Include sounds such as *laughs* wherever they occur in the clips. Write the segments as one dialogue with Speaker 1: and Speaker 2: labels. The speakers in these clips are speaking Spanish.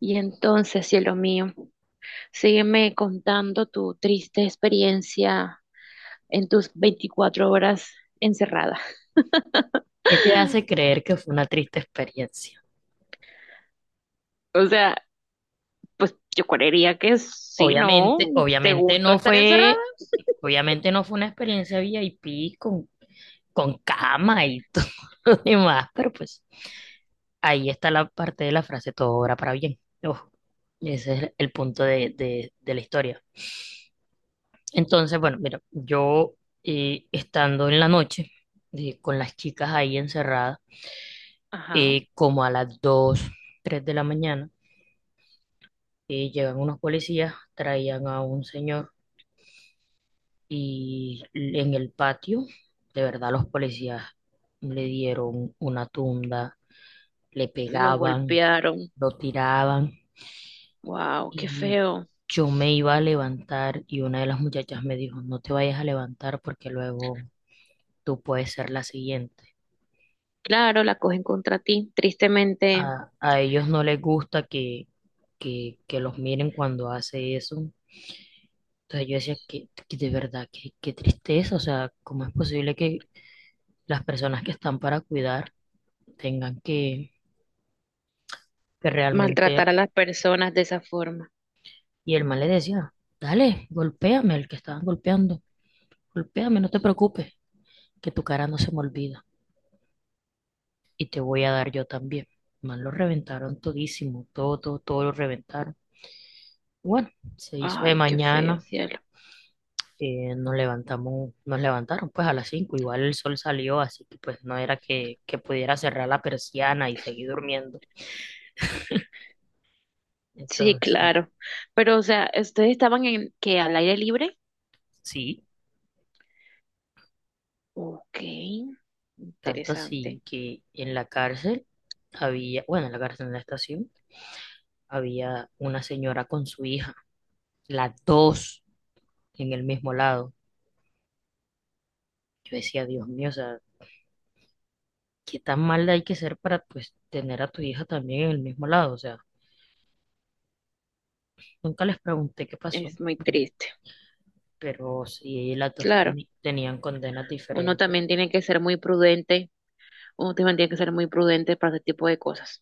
Speaker 1: Y entonces, cielo mío, sígueme contando tu triste experiencia en tus 24 horas encerrada. *laughs*
Speaker 2: ¿Qué te hace creer que fue una triste experiencia?
Speaker 1: O sea, pues yo creería que sí, ¿no?
Speaker 2: Obviamente,
Speaker 1: ¿Te gustó estar encerrada?
Speaker 2: obviamente no fue una experiencia VIP con cama y *laughs* todo lo demás, pero pues ahí está la parte de la frase, todo obra para bien. Ojo, ese es el punto de la historia. Entonces, bueno, mira, yo estando en la noche con las chicas ahí encerradas,
Speaker 1: Ajá.
Speaker 2: como a las 2 3 de la mañana. Y llegan unos policías, traían a un señor y en el patio, de verdad, los policías le dieron una tunda, le
Speaker 1: Los
Speaker 2: pegaban,
Speaker 1: golpearon.
Speaker 2: lo tiraban
Speaker 1: Wow, qué
Speaker 2: y
Speaker 1: feo.
Speaker 2: yo me iba a levantar y una de las muchachas me dijo, no te vayas a levantar porque luego tú puedes ser la siguiente.
Speaker 1: Claro, la cogen contra ti. Tristemente,
Speaker 2: A ellos no les gusta que, que los miren cuando hace eso. Entonces yo decía que de verdad, que, qué tristeza, o sea, ¿cómo es posible que las personas que están para cuidar tengan que
Speaker 1: maltratar
Speaker 2: realmente.
Speaker 1: a las personas de esa forma.
Speaker 2: Y el man le decía, dale, golpéame, el que estaban golpeando, golpéame, no te preocupes, que tu cara no se me olvida y te voy a dar yo también. El Man, lo reventaron todísimo, todo, todo, todo lo reventaron. Bueno, se hizo de
Speaker 1: Ay, qué feo,
Speaker 2: mañana,
Speaker 1: cielo.
Speaker 2: nos levantamos, nos levantaron pues a las 5 igual el sol salió, así que pues no era que pudiera cerrar la persiana y seguir durmiendo.
Speaker 1: Sí,
Speaker 2: Entonces,
Speaker 1: claro. Pero, o sea, ¿ustedes estaban en que al aire libre?
Speaker 2: sí,
Speaker 1: Ok,
Speaker 2: tanto
Speaker 1: interesante.
Speaker 2: así que en la cárcel había, bueno, en la cárcel en la estación, había una señora con su hija, las dos en el mismo lado. Yo decía, Dios mío, o sea, qué tan mal hay que ser para pues tener a tu hija también en el mismo lado. O sea, nunca les pregunté qué pasó,
Speaker 1: Es muy triste.
Speaker 2: pero sí las dos
Speaker 1: Claro,
Speaker 2: tenían condenas
Speaker 1: uno
Speaker 2: diferentes.
Speaker 1: también tiene que ser muy prudente. Uno también tiene que ser muy prudente para ese tipo de cosas.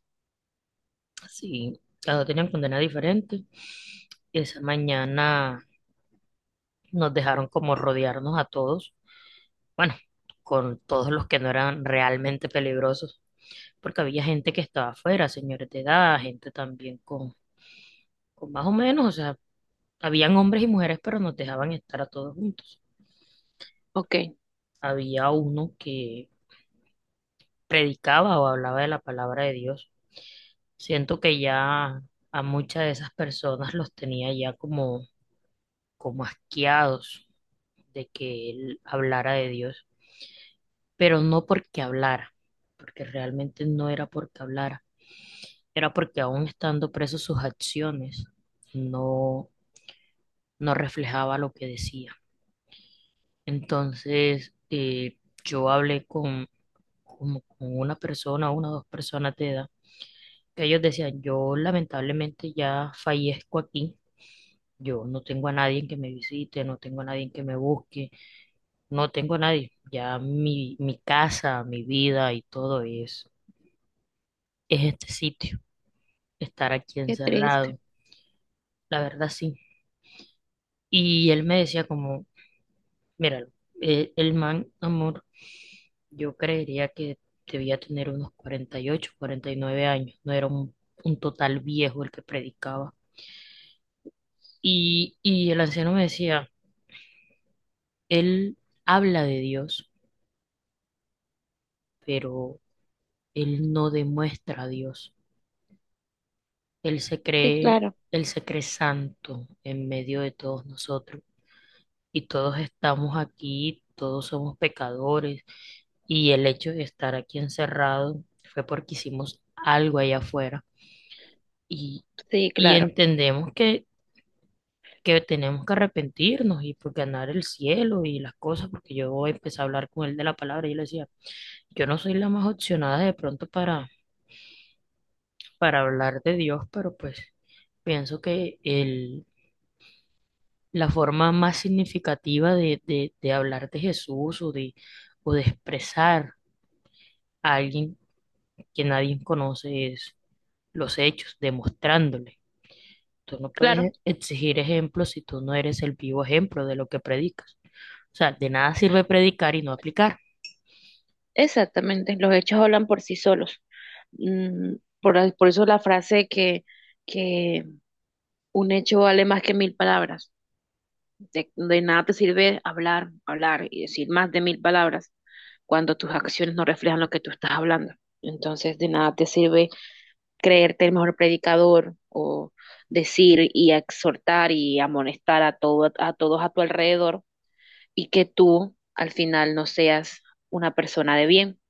Speaker 2: Sí, las dos tenían condenas diferentes. Esa mañana nos dejaron como rodearnos a todos, bueno, con todos los que no eran realmente peligrosos porque había gente que estaba afuera, señores de edad, gente también con más o menos, o sea, habían hombres y mujeres, pero nos dejaban estar a todos juntos.
Speaker 1: Ok,
Speaker 2: Había uno que predicaba o hablaba de la palabra de Dios. Siento que ya a muchas de esas personas los tenía ya como asqueados de que él hablara de Dios, pero no porque hablara, porque realmente no era porque hablara, era porque aún estando presos sus acciones no no reflejaba lo que decía. Entonces, yo hablé con, como con una persona, una o dos personas de edad, que ellos decían, yo lamentablemente ya fallezco aquí, yo no tengo a nadie que me visite, no tengo a nadie que me busque, no tengo a nadie, ya mi casa, mi vida y todo es este sitio, estar aquí
Speaker 1: qué triste.
Speaker 2: encerrado, la verdad sí. Y él me decía como, míralo, el man, amor, yo creería que debía tener unos 40, 48, 49 años, no era un total viejo el que predicaba. Y el anciano me decía, él habla de Dios, pero él no demuestra a Dios. Él se
Speaker 1: Sí,
Speaker 2: cree,
Speaker 1: claro.
Speaker 2: él se cree santo en medio de todos nosotros. Y todos estamos aquí, todos somos pecadores. Y el hecho de estar aquí encerrado fue porque hicimos algo allá afuera y,
Speaker 1: Sí,
Speaker 2: y
Speaker 1: claro.
Speaker 2: entendemos que tenemos que arrepentirnos y por ganar el cielo y las cosas, porque yo empecé a hablar con él de la palabra y yo le decía, yo no soy la más opcionada de pronto para hablar de Dios, pero pues pienso que el, la forma más significativa de hablar de Jesús o de expresar a alguien que nadie conoce es los hechos, demostrándole. Tú no
Speaker 1: Claro,
Speaker 2: puedes exigir ejemplos si tú no eres el vivo ejemplo de lo que predicas. O sea, de nada sirve predicar y no aplicar.
Speaker 1: exactamente. Los hechos hablan por sí solos. Mm, por eso la frase que un hecho vale más que mil palabras. De nada te sirve hablar, hablar y decir más de mil palabras cuando tus acciones no reflejan lo que tú estás hablando. Entonces, de nada te sirve creerte el mejor predicador o decir y exhortar y amonestar a, todo, a todos a tu alrededor y que tú al final no seas una persona de bien,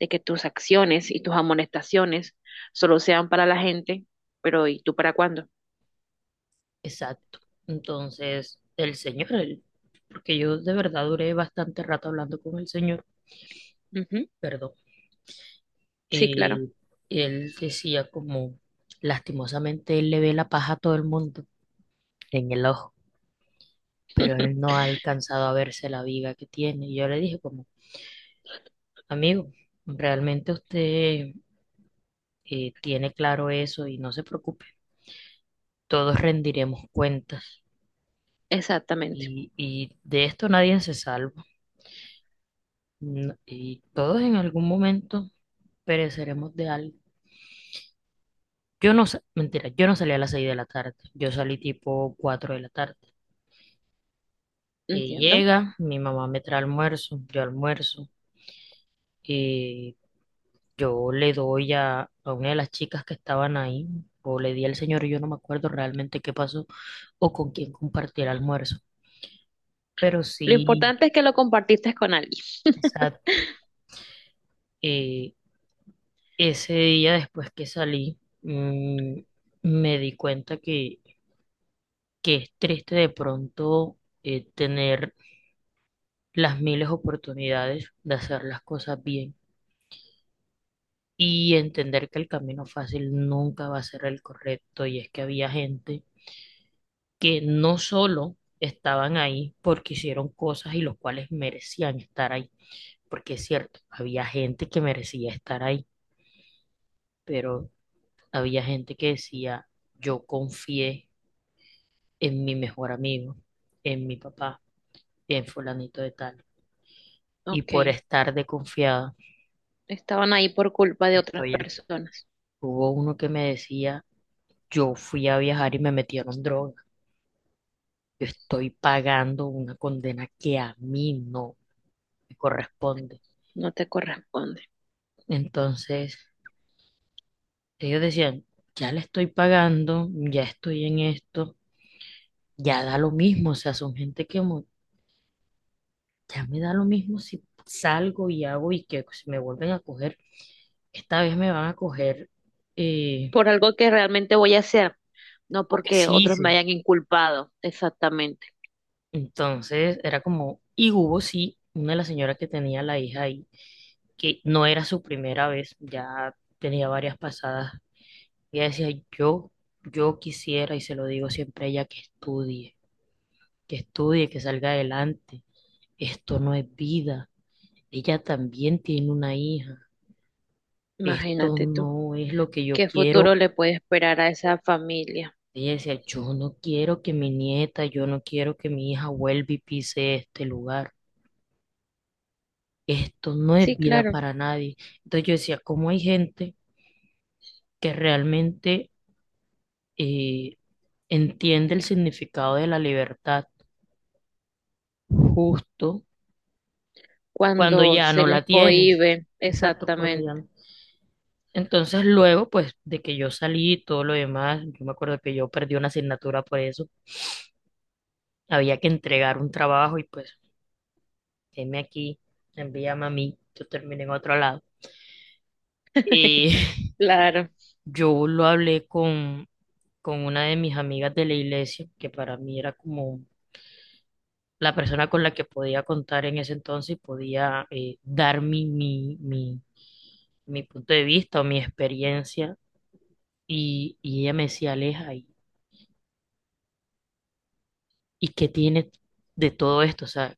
Speaker 1: de que tus acciones y tus amonestaciones solo sean para la gente, pero ¿y tú para cuándo?
Speaker 2: Exacto. Entonces, el Señor, porque yo de verdad duré bastante rato hablando con el Señor,
Speaker 1: Uh -huh.
Speaker 2: perdón,
Speaker 1: Sí, claro,
Speaker 2: eh, él decía como, lastimosamente él le ve la paja a todo el mundo en el ojo, pero él no ha alcanzado a verse la viga que tiene. Y yo le dije como, amigo, realmente usted tiene claro eso y no se preocupe, todos rendiremos cuentas
Speaker 1: exactamente,
Speaker 2: y de esto nadie se salva. No, y todos en algún momento pereceremos de algo. Yo mentira, yo no salí a las 6 de la tarde, yo salí tipo 4 de la tarde. Y
Speaker 1: entiendo.
Speaker 2: llega, mi mamá me trae almuerzo, yo almuerzo, y yo le doy a una de las chicas que estaban ahí, o le di al señor, yo no me acuerdo realmente qué pasó o con quién compartí el almuerzo. Pero
Speaker 1: Lo
Speaker 2: sí,
Speaker 1: importante es que lo compartiste con alguien.
Speaker 2: exacto, eh, ese día después que salí, me di cuenta que es triste de pronto, tener las miles oportunidades de hacer las cosas bien y entender que el camino fácil nunca va a ser el correcto. Y es que había gente que no solo estaban ahí porque hicieron cosas y los cuales merecían estar ahí, porque es cierto, había gente que merecía estar ahí, pero había gente que decía, yo confié en mi mejor amigo, en mi papá, en fulanito de tal. Y por
Speaker 1: Ok,
Speaker 2: estar de confiada,
Speaker 1: estaban ahí por culpa de otras
Speaker 2: estoy aquí.
Speaker 1: personas.
Speaker 2: Hubo uno que me decía, yo fui a viajar y me metieron droga. Yo estoy pagando una condena que a mí no me corresponde.
Speaker 1: No te corresponde.
Speaker 2: Entonces, ellos decían, ya le estoy pagando, ya estoy en esto, ya da lo mismo. O sea, son gente que ya me da lo mismo si salgo y hago y que si me vuelven a coger, esta vez me van a coger, eh,
Speaker 1: Por algo que realmente voy a hacer, no
Speaker 2: o que
Speaker 1: porque
Speaker 2: sí
Speaker 1: otros me
Speaker 2: hice.
Speaker 1: hayan inculpado. Exactamente.
Speaker 2: Entonces era como, y hubo sí, una de las señoras que tenía la hija ahí, que no era su primera vez, ya tenía varias pasadas. Ella decía, yo, yo quisiera, y se lo digo siempre a ella, que estudie, que estudie, que salga adelante. Esto no es vida. Ella también tiene una hija. Esto
Speaker 1: Imagínate tú.
Speaker 2: no es lo que yo
Speaker 1: ¿Qué futuro
Speaker 2: quiero.
Speaker 1: le puede esperar a esa familia?
Speaker 2: Ella decía, yo no quiero que mi nieta, yo no quiero que mi hija vuelva y pise este lugar. Esto no es
Speaker 1: Sí,
Speaker 2: vida
Speaker 1: claro.
Speaker 2: para nadie. Entonces yo decía, ¿cómo hay gente que realmente eh, entiende el significado de la libertad justo cuando
Speaker 1: Cuando
Speaker 2: ya
Speaker 1: se
Speaker 2: no
Speaker 1: les
Speaker 2: la tienes?
Speaker 1: cohíbe,
Speaker 2: Exacto, cuando
Speaker 1: exactamente.
Speaker 2: ya no. Entonces luego, pues de que yo salí y todo lo demás, yo me acuerdo que yo perdí una asignatura por eso, había que entregar un trabajo y pues, heme aquí, envíame a mí, yo terminé en otro lado. Y
Speaker 1: *laughs*
Speaker 2: *laughs*
Speaker 1: Claro.
Speaker 2: yo lo hablé con una de mis amigas de la iglesia, que para mí era como la persona con la que podía contar en ese entonces y podía dar mi punto de vista o mi experiencia. Y ella me decía, Aleja, ¿y qué tienes de todo esto? O sea,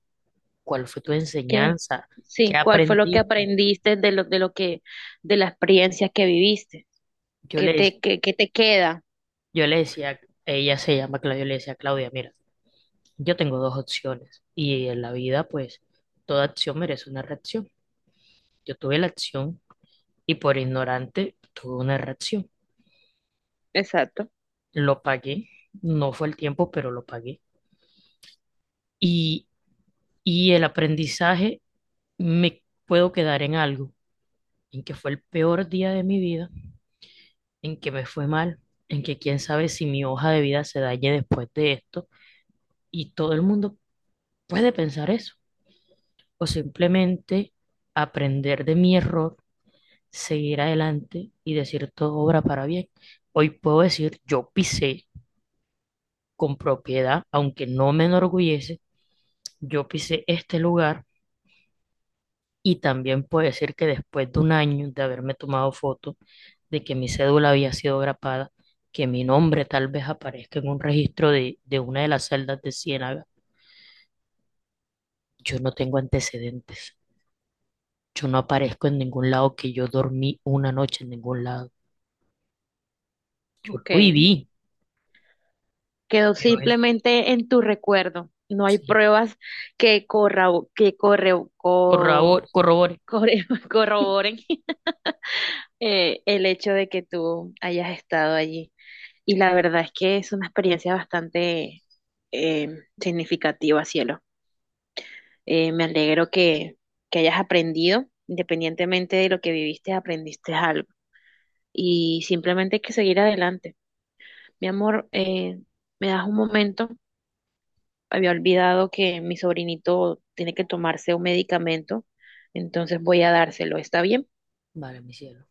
Speaker 2: ¿cuál fue tu
Speaker 1: ¿Qué?
Speaker 2: enseñanza? ¿Qué
Speaker 1: Sí, ¿cuál fue lo que
Speaker 2: aprendiste?
Speaker 1: aprendiste de la experiencia que viviste?
Speaker 2: Yo le, dec-
Speaker 1: ¿Qué te queda?
Speaker 2: yo le decía, ella se llama Claudia, yo le decía, Claudia, mira, yo tengo dos opciones. Y en la vida, pues, toda acción merece una reacción. Yo tuve la acción y por ignorante tuve una reacción.
Speaker 1: Exacto.
Speaker 2: Lo pagué, no fue el tiempo, pero lo pagué. Y, y el aprendizaje me puedo quedar en algo, en que fue el peor día de mi vida, en que me fue mal, en que quién sabe si mi hoja de vida se dañe después de esto. Y todo el mundo puede pensar eso, o simplemente aprender de mi error, seguir adelante y decir todo obra para bien. Hoy puedo decir, yo pisé con propiedad, aunque no me enorgullece, yo pisé este lugar y también puedo decir que después de un año de haberme tomado foto, de que mi cédula había sido grapada, que mi nombre tal vez aparezca en un registro de una de las celdas de Ciénaga, yo no tengo antecedentes. Yo no aparezco en ningún lado que yo dormí una noche en ningún lado. Yo
Speaker 1: Ok,
Speaker 2: lo viví,
Speaker 1: quedó
Speaker 2: pero eso
Speaker 1: simplemente en tu recuerdo. No hay
Speaker 2: sí.
Speaker 1: pruebas que corra, que corre, co-
Speaker 2: Corrobore.
Speaker 1: corre- *laughs* corroboren el hecho de que tú hayas estado allí. Y la verdad es que es una experiencia bastante eh, significativa, cielo. Me alegro que hayas aprendido, independientemente de lo que viviste, aprendiste algo. Y simplemente hay que seguir adelante. Mi amor, ¿me das un momento? Había olvidado que mi sobrinito tiene que tomarse un medicamento, entonces voy a dárselo. ¿Está bien?
Speaker 2: Vale, mi cielo.